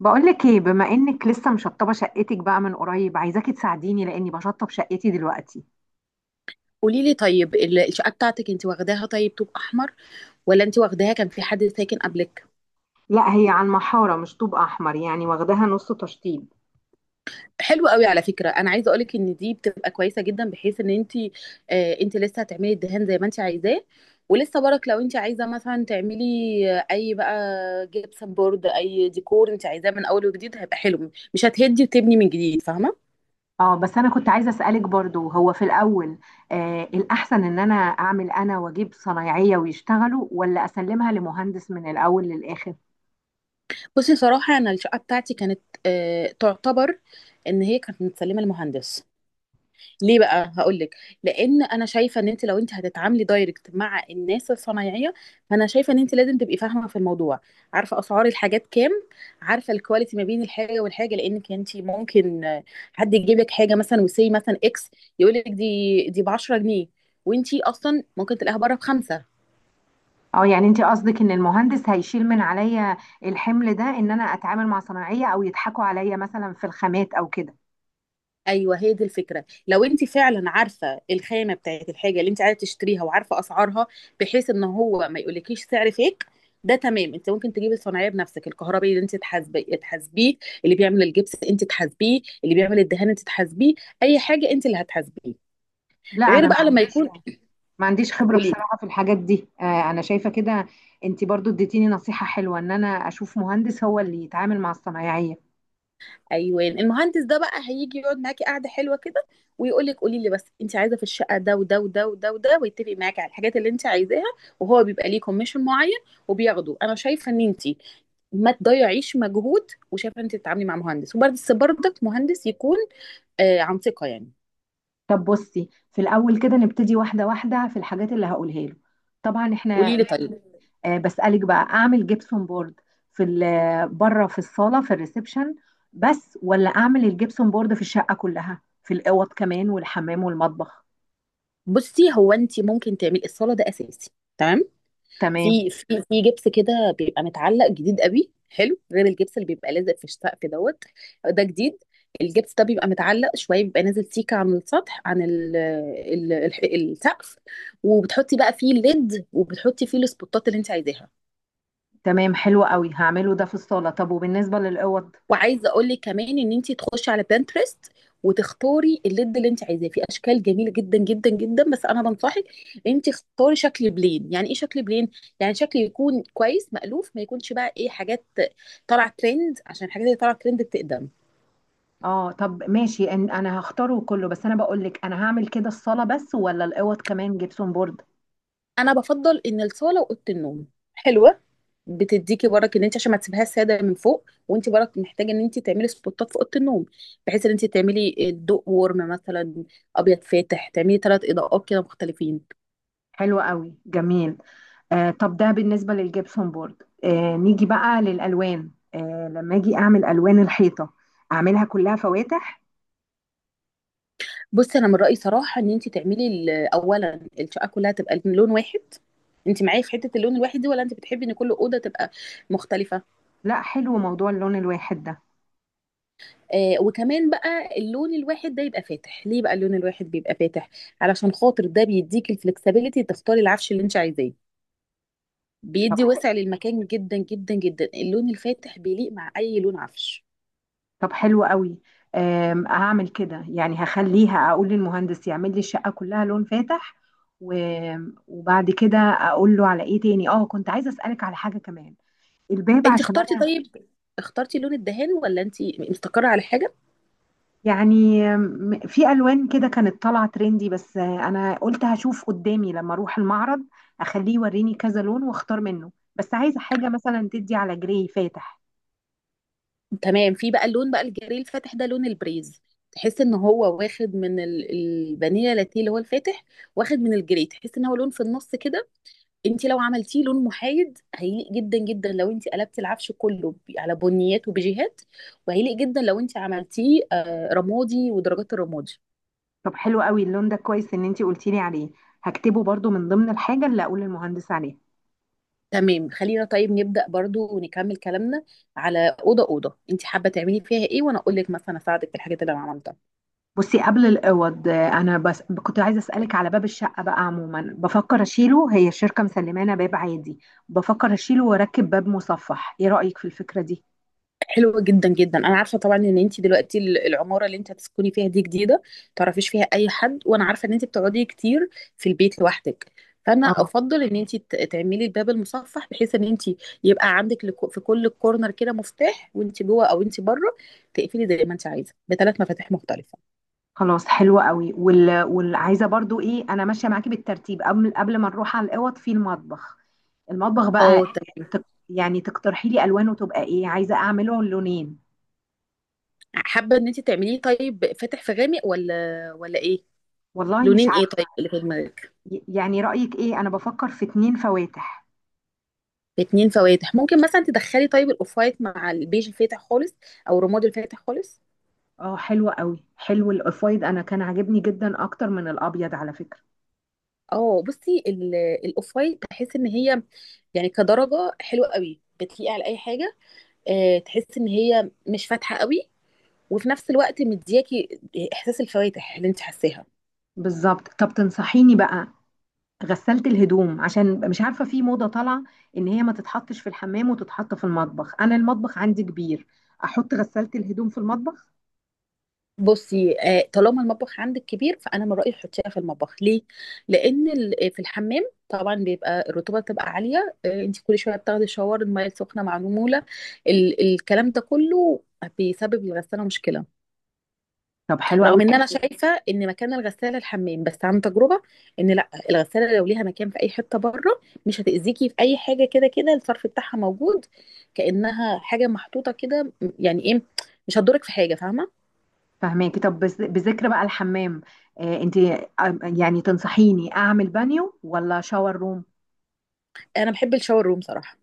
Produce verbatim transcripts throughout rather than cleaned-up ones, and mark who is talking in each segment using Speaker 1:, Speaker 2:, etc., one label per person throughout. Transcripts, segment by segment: Speaker 1: بقولك ايه، بما انك لسه مشطبه شقتك بقى من قريب، عايزاكي تساعديني لاني بشطب شقتي دلوقتي.
Speaker 2: قولي لي طيب ال- الشقه بتاعتك انت واخداها طيب طوب احمر، ولا انت واخداها كان في حد ساكن قبلك؟
Speaker 1: لا، هي على المحارة مش طوب أحمر، يعني واخداها نص تشطيب.
Speaker 2: حلو قوي. على فكره انا عايزه اقولك ان دي بتبقى كويسه جدا، بحيث ان انت آه انت لسه هتعملي الدهان زي ما انت عايزاه، ولسه برك لو انت عايزه مثلا تعملي آه، اي بقى جبسن بورد، اي ديكور انت عايزاه من اول وجديد هيبقى حلو، مش هتهدي وتبني من جديد، فاهمه؟
Speaker 1: اه بس انا كنت عايزه اسالك برضو، هو في الاول آه الاحسن ان انا اعمل انا واجيب صنايعيه ويشتغلوا، ولا اسلمها لمهندس من الاول للاخر؟
Speaker 2: بصي صراحه انا الشقه بتاعتي كانت آه تعتبر ان هي كانت متسلمه المهندس. ليه بقى؟ هقول لك. لان انا شايفه ان انت لو انت هتتعاملي دايركت مع الناس الصنايعيه، فانا شايفه ان انت لازم تبقي فاهمه في الموضوع، عارفه اسعار الحاجات كام، عارفه الكواليتي ما بين الحاجه والحاجه، لانك انت ممكن آه، حد يجيب لك حاجه مثلا، وسي مثلا اكس، يقول لك دي دي ب عشره جنيه، وانت اصلا ممكن تلاقيها بره بخمسه.
Speaker 1: اه، يعني انت قصدك ان المهندس هيشيل من عليا الحمل ده، ان انا اتعامل مع صنايعيه او يضحكوا عليا مثلا في الخامات او كده؟
Speaker 2: ايوه هي دي الفكره. لو انت فعلا عارفه الخامه بتاعت الحاجه اللي انت عايزه تشتريها، وعارفه اسعارها، بحيث ان هو ما يقولكيش سعر فيك ده، تمام. انت ممكن تجيبي الصناعيه بنفسك، الكهربائي اللي انت تحاسبي تحاسبيه، اللي بيعمل الجبس انت تحاسبيه، اللي بيعمل الدهان انت تحاسبيه، اي حاجه انت اللي هتحاسبيه،
Speaker 1: لا،
Speaker 2: غير
Speaker 1: انا ما
Speaker 2: بقى لما
Speaker 1: عنديش
Speaker 2: يكون.
Speaker 1: ما عنديش خبرة
Speaker 2: قولي.
Speaker 1: بصراحة في الحاجات دي. آه، انا شايفة كده. انت برضو اديتيني نصيحة حلوة ان انا اشوف مهندس هو اللي يتعامل مع الصنايعية.
Speaker 2: ايوه المهندس ده بقى هيجي يقعد معاكي قعده حلوه كده، ويقول لك قولي لي بس انت عايزه في الشقه، ده وده وده وده وده، ويتفق معاكي على الحاجات اللي انت عايزاها، وهو بيبقى ليه كوميشن معين وبياخده. انا شايفه ان انت ما تضيعيش مجهود، وشايفه ان انت تتعاملي مع مهندس، وبرده برضك مهندس يكون آه عن ثقه يعني.
Speaker 1: طب بصي، في الاول كده نبتدي واحدة واحدة في الحاجات اللي هقولها له. طبعا احنا
Speaker 2: قولي لي
Speaker 1: نعمل.
Speaker 2: طيب.
Speaker 1: آه، بسألك بقى، اعمل جبسون بورد في ال- بره في الصالة في الريسبشن بس، ولا اعمل الجبسون بورد في الشقة كلها في الاوض كمان والحمام والمطبخ؟
Speaker 2: بصي هو انت ممكن تعملي الصاله ده اساسي، تمام.
Speaker 1: تمام.
Speaker 2: في في في جبس كده بيبقى متعلق جديد قوي حلو، غير الجبس اللي بيبقى لازق في السقف دوت. ده جديد. الجبس ده بيبقى متعلق شويه، بيبقى نازل سيكه عن السطح، عن ال ال ال السقف، وبتحطي بقى فيه الليد، وبتحطي فيه السبوتات اللي انت عايزاها.
Speaker 1: تمام، حلو قوي، هعمله ده في الصالة. طب وبالنسبة للاوض؟
Speaker 2: وعايزه اقول لك كمان ان انت تخشي على بنترست، وتختاري الليد اللي انت عايزاه في اشكال جميله جدا جدا جدا، بس انا بنصحك انت اختاري شكل بلين. يعني ايه شكل بلين؟ يعني شكل يكون كويس مألوف، ما يكونش بقى ايه، حاجات طالعه ترند، عشان الحاجات اللي طالعه ترند بتقدم.
Speaker 1: اه طب ماشي. إن- انا هختاره كله، بس انا بقول لك، انا هعمل كده الصاله بس ولا الاوض كمان جبسون بورد؟
Speaker 2: انا بفضل ان الصاله واوضه النوم حلوه، بتديكي برك ان انت عشان ما تسيبهاش ساده من فوق، وانت برك محتاجه ان انت تعملي سبوتات في اوضه النوم، بحيث ان انت تعملي الضوء ورم مثلا، ابيض فاتح، تعملي ثلاث اضاءات كده مختلفين.
Speaker 1: حلو قوي، جميل. آه طب ده بالنسبه للجبسون بورد. آه نيجي بقى للالوان. آه لما اجي اعمل الوان الحيطه، اعملها كلها فواتح؟
Speaker 2: بصي انا من رايي صراحه ان انت تعملي ال- اولا الشقه كلها تبقى لون واحد. انت معايا في حته اللون الواحد دي، ولا انت بتحبي ان كل اوضه تبقى مختلفه؟
Speaker 1: لا، حلو موضوع اللون الواحد ده.
Speaker 2: آه وكمان بقى اللون الواحد ده يبقى فاتح. ليه بقى اللون الواحد بيبقى فاتح؟ علشان خاطر ده بيديك الفلكسبيليتي تختاري العفش اللي انت عايزاه،
Speaker 1: طب
Speaker 2: بيدي وسع للمكان جدا جدا جدا. اللون الفاتح بيليق مع اي لون عفش.
Speaker 1: طب حلو قوي. آم، هعمل كده يعني، هخليها اقول للمهندس يعمل لي الشقه كلها لون فاتح. و- وبعد كده اقول له على ايه تاني. اه كنت عايزه اسالك على حاجه كمان، الباب،
Speaker 2: انت
Speaker 1: عشان
Speaker 2: اخترتي
Speaker 1: انا.
Speaker 2: طيب، اخترتي لون الدهان، ولا انت مستقره على حاجه؟
Speaker 1: يعني م- في الوان كده كانت طالعه ترندي، بس انا قلت هشوف قدامي لما اروح المعرض، اخليه يوريني كذا لون واختار منه. بس عايزه حاجه مثلا تدي على جراي فاتح.
Speaker 2: تمام. في بقى اللون بقى الجري الفاتح ده لون البريز، تحس ان هو واخد من ال- الفانيلا لاتيه اللي هو الفاتح، واخد من الجري، تحس ان هو لون في النص كده. انت لو عملتيه لون محايد هيليق جدا جدا لو انت قلبتي العفش كله ب- على بنيات وبيجيهات، وهيليق جدا لو انت عملتيه آه، رمادي ودرجات الرمادي.
Speaker 1: طب حلو قوي، اللون ده كويس ان انتي قلتي لي عليه. هكتبه برضو من ضمن الحاجه اللي اقول للمهندس عليها.
Speaker 2: تمام. خلينا طيب نبدأ برضو ونكمل كلامنا على أوضة أوضة انت حابة تعملي فيها ايه، وانا اقول لك مثلا اساعدك في الحاجات اللي انا عملتها.
Speaker 1: بصي قبل الاوض، آه، انا بس كنت عايزه اسالك على باب الشقه. بقى عموما بفكر اشيله، هي الشركه مسلمانا باب عادي. بفكر اشيله واركب باب مصفح، ايه رايك في الفكره دي؟
Speaker 2: حلوة جدا جدا. انا عارفة طبعا ان انت دلوقتي ال- العمارة اللي انت هتسكني فيها دي جديدة، تعرفيش فيها اي حد، وانا عارفة ان انت بتقعدي كتير في البيت لوحدك، فانا افضل ان انت ت- تعملي الباب المصفح، بحيث ان انت يبقى عندك لك- في كل كورنر كده مفتاح، وانت جوه او انت بره تقفلي زي ما انت عايزة بثلاث مفاتيح مختلفة.
Speaker 1: خلاص حلوة قوي. وال... والعايزة برضو ايه، انا ماشية معاكي بالترتيب. قبل قبل ما نروح على الاوض، في المطبخ. المطبخ بقى،
Speaker 2: اه تمام.
Speaker 1: تق... يعني تقترحي لي الوانه تبقى ايه، عايزة اعمله لونين؟
Speaker 2: حابة ان انت تعمليه طيب فاتح في غامق، ولا ولا ايه؟
Speaker 1: والله مش
Speaker 2: لونين ايه طيب
Speaker 1: عارفة.
Speaker 2: اللي في دماغك؟
Speaker 1: ي- يعني رأيك ايه، انا بفكر في اتنين فواتح.
Speaker 2: باتنين فواتح ممكن مثلا تدخلي طيب الاوف وايت مع البيج الفاتح خالص، او الرمادي الفاتح خالص.
Speaker 1: اه حلوة قوي، حلو الاوف وايت، انا كان عاجبني جدا اكتر من الابيض على فكرة.
Speaker 2: اه بصي ال- الاوف وايت بحس ان هي يعني كدرجه حلوه قوي، بتليق على اي حاجه. آه، تحس ان هي مش فاتحه قوي، وفي نفس الوقت مدياكي احساس الفواتح اللي انت حاساها.
Speaker 1: بالظبط. طب تنصحيني بقى، غسلت الهدوم، عشان مش عارفه في موضه طالعه ان هي ما تتحطش في الحمام وتتحط في المطبخ. انا المطبخ عندي كبير، احط غسلت الهدوم في المطبخ؟
Speaker 2: بصي آه، طالما المطبخ عندك كبير، فانا من رايي تحطيها في المطبخ. ليه؟ لان ال- آه، في الحمام طبعا بيبقى الرطوبه بتبقى عاليه. آه، انت كل شويه بتاخدي شاور، الميه السخنه مع نموله، ال الكلام ده كله بيسبب للغساله مشكله.
Speaker 1: طب حلو قوي،
Speaker 2: رغم ان انا
Speaker 1: كويس.
Speaker 2: شايفه ان مكان الغساله الحمام، بس عن تجربه ان لا، الغساله لو ليها مكان في اي حته بره مش هتاذيكي في اي حاجه، كده كده الصرف بتاعها موجود، كانها حاجه محطوطه كده. يعني ايه؟ مش هتضرك في حاجه، فاهمه.
Speaker 1: فهماكي. طب بس- بذكر بقى الحمام. آه انت، آه، يعني تنصحيني اعمل بانيو ولا شاور روم؟
Speaker 2: انا بحب الشاور روم صراحه.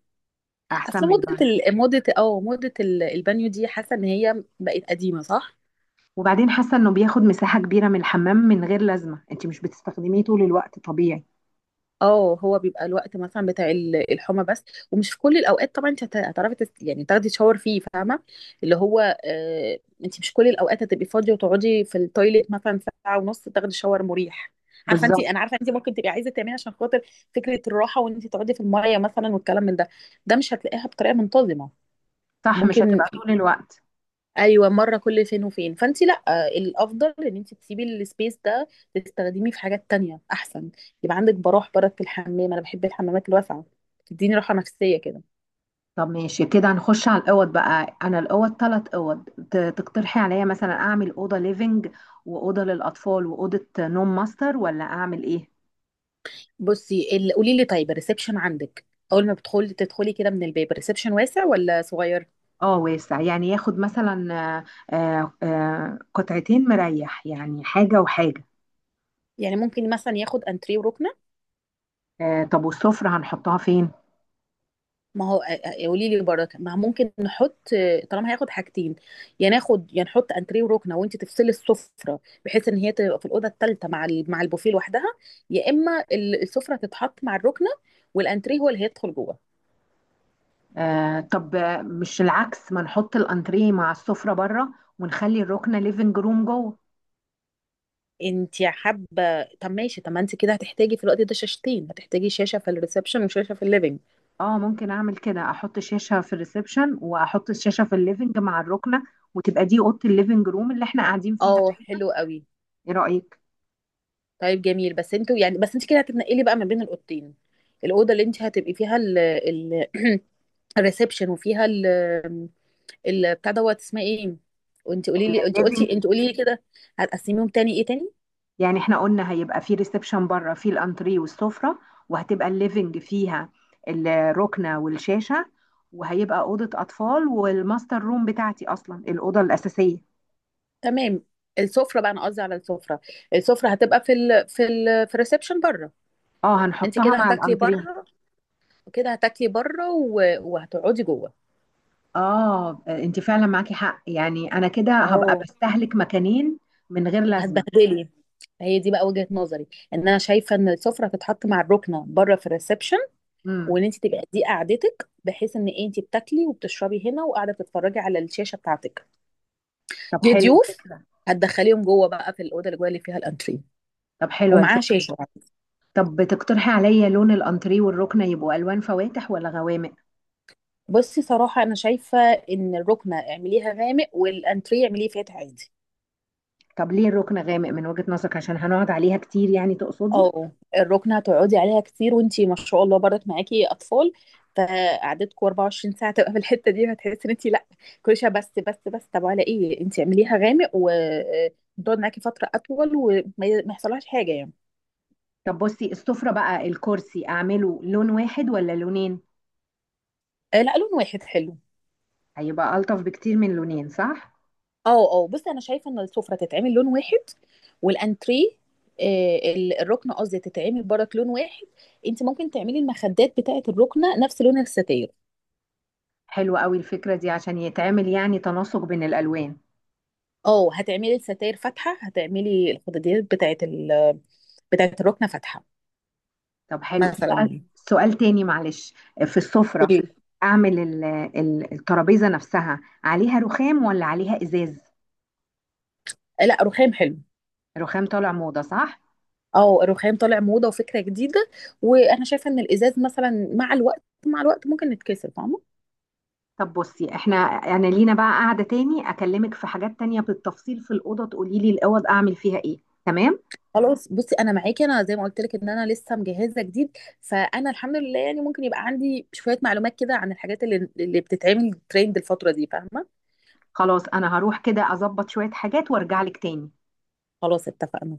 Speaker 1: احسن
Speaker 2: اصل
Speaker 1: من
Speaker 2: موضة
Speaker 1: البانيو.
Speaker 2: ال... موضة اه موضة ال- البانيو دي حاسة ان هي بقت قديمة، صح؟
Speaker 1: وبعدين حاسه انه بياخد مساحه كبيره من الحمام من غير لازمه، انت مش بتستخدميه طول الوقت طبيعي.
Speaker 2: اه هو بيبقى الوقت مثلا بتاع ال- الحمى بس، ومش في كل الاوقات طبعا. انت هت- هتعرفي تس... يعني تاخدي شاور فيه، فاهمة؟ اللي هو آه... انت مش كل الاوقات هتبقي فاضية وتقعدي في التويليت مثلا ساعة ونص، تاخدي شاور مريح. عارفة انت،
Speaker 1: بالظبط.
Speaker 2: انا عارفة انت ممكن تبقي عايزة تعملي عشان خاطر فكرة الراحة، وان انت تقعدي في المية مثلا والكلام من ده، ده مش هتلاقيها بطريقة منتظمة.
Speaker 1: صح، مش
Speaker 2: ممكن
Speaker 1: هتبقى طول الوقت.
Speaker 2: ايوه مره كل فين وفين، فانت لا، الافضل ان انت تسيبي السبيس ده تستخدميه في حاجات تانية احسن. يبقى عندك براح برد في الحمام. انا بحب الحمامات الواسعه، تديني راحه نفسيه كده.
Speaker 1: طب ماشي كده، هنخش على الاوض بقى. انا الاوض ثلاث اوض، ت- تقترحي عليا مثلا اعمل اوضه ليفنج واوضه للاطفال واوضه نوم ماستر ولا اعمل ايه؟
Speaker 2: بصي ال- قولي لي طيب، الريسبشن عندك اول ما بتدخلي تدخلي كده من الباب، الريسبشن واسع ولا صغير؟
Speaker 1: اه واسع، يعني ياخد مثلا آه، آه، آه، قطعتين مريح، يعني حاجه وحاجه.
Speaker 2: يعني ممكن مثلا ياخد انتريه وركنه.
Speaker 1: آه، طب والسفره هنحطها فين؟
Speaker 2: ما هو قولي لي برضه، ما ممكن نحط، طالما هياخد حاجتين، يا ناخد يا نحط انتريه وركنه، وانت تفصلي السفره بحيث ان هي تبقى في الاوضه الثالثه مع ال- مع البوفيه لوحدها، يا اما ال- السفره تتحط مع الركنه، والانتريه هو اللي هيدخل جوه.
Speaker 1: آه، طب، آه، مش العكس، ما نحط الانتريه مع السفره بره ونخلي الركنه ليفنج روم جوه؟
Speaker 2: انت حابه. طب ماشي، طب ما انت كده هتحتاجي في الوقت ده شاشتين، هتحتاجي شاشه في الريسبشن وشاشه في الليفينج.
Speaker 1: اه ممكن اعمل كده، احط شاشة في الريسبشن واحط الشاشة في الليفنج مع الركنة، وتبقى دي اوضة الليفنج روم اللي احنا قاعدين فيها
Speaker 2: اه
Speaker 1: دايما.
Speaker 2: حلو قوي.
Speaker 1: ايه رأيك؟
Speaker 2: طيب جميل. بس انتوا يعني، بس انت كده هتتنقلي بقى ما بين الاوضتين، الاوضه اللي انت هتبقي فيها ال ال الريسبشن، وفيها ال- بتاع دوت، اسمها ايه؟ وانت قولي لي، انت
Speaker 1: الليفنج.
Speaker 2: قلتي، انت قولي لي كده، هتقسميهم تاني ايه تاني؟
Speaker 1: يعني احنا قلنا هيبقى في ريسبشن بره، في الانتري والسفرة، وهتبقى الليفنج فيها الركنة والشاشة، وهيبقى أوضة أطفال، والماستر روم بتاعتي أصلا الأوضة الأساسية.
Speaker 2: تمام. السفره بقى، انا قصدي على السفره، السفره هتبقى في ال في ال في الريسبشن بره،
Speaker 1: اه
Speaker 2: انت
Speaker 1: هنحطها
Speaker 2: كده
Speaker 1: مع
Speaker 2: هتاكلي
Speaker 1: الانتريه.
Speaker 2: بره، وكده هتاكلي بره و- وهتقعدي جوه.
Speaker 1: اه، انت فعلا معاكي حق، يعني انا كده هبقى
Speaker 2: اه
Speaker 1: بستهلك مكانين من غير لازمة.
Speaker 2: هتبهدلي. هي دي بقى وجهة نظري، ان انا شايفه ان السفره تتحط مع الركنه بره في الريسبشن،
Speaker 1: امم.
Speaker 2: وان انت تبقى دي قعدتك، بحيث ان انت بتاكلي وبتشربي هنا وقاعده تتفرجي على الشاشه بتاعتك.
Speaker 1: طب
Speaker 2: جه
Speaker 1: حلو
Speaker 2: ضيوف
Speaker 1: فكرة.
Speaker 2: هتدخليهم جوه بقى في الاوضه اللي جوه اللي فيها الانتريه،
Speaker 1: طب حلوة
Speaker 2: ومعاه
Speaker 1: الفكرة.
Speaker 2: شاشه.
Speaker 1: طب بتقترحي عليا لون الانتريه والركنة يبقوا الوان فواتح ولا غوامق؟
Speaker 2: بصي صراحه انا شايفه ان الركنه اعمليها غامق، والانتريه اعمليه فاتح عادي.
Speaker 1: طب ليه الركنة غامق من وجهة نظرك، عشان هنقعد عليها كتير يعني تقصدي؟
Speaker 2: اه الركنه هتقعدي عليها كتير، وانتي ما شاء الله برضك معاكي اطفال، فقعدتكم اربع وعشرين ساعه تبقى في الحته دي، هتحسي ان انتي لا، كل شويه، بس بس بس طب على ايه، انتي اعمليها غامق وتقعد معاكي فتره اطول، وما ما يحصلهاش حاجه يعني.
Speaker 1: طب بصي السفرة بقى، الكرسي اعمله لون واحد ولا لونين؟
Speaker 2: آه، لا لون واحد حلو.
Speaker 1: هيبقى الطف بكتير من لونين، صح؟
Speaker 2: اه اه بصي انا شايفه ان السفره تتعمل لون واحد، والانتريه آه، ال- الركنه قصدي تتعمل برك لون واحد. انت ممكن تعملي المخدات بتاعه الركنه نفس لون الستاير.
Speaker 1: حلوة قوي الفكرة دي، عشان يتعمل يعني تناسق بين الالوان.
Speaker 2: اه هتعملي الستاير فاتحه، هتعملي الخداديات بتاعه ال بتاعه الركنه فاتحه،
Speaker 1: طب حلو
Speaker 2: مثلا
Speaker 1: بقى.
Speaker 2: يعني.
Speaker 1: سؤال تاني معلش، في السفرة
Speaker 2: قولي لي.
Speaker 1: اعمل ال- ال- الترابيزة نفسها عليها رخام ولا عليها ازاز؟
Speaker 2: لا رخام حلو.
Speaker 1: رخام طالع موضة، صح؟
Speaker 2: اه الرخام طالع موضه وفكره جديده، وانا شايفه ان الازاز مثلا مع الوقت مع الوقت ممكن يتكسر، فاهمه.
Speaker 1: طب بصي، احنا انا لينا بقى قاعدة تاني اكلمك في حاجات تانية بالتفصيل في الأوضة، تقولي لي الأوض اعمل فيها ايه. تمام.
Speaker 2: خلاص بصي انا معاكي. انا زي ما قلت لك ان انا لسه مجهزه جديد، فانا الحمد لله يعني ممكن يبقى عندي شويه معلومات كده عن الحاجات اللي اللي بتتعمل ترند الفتره دي، فاهمه.
Speaker 1: خلاص انا هروح كده اظبط شوية حاجات وارجع لك تاني.
Speaker 2: خلاص اتفقنا.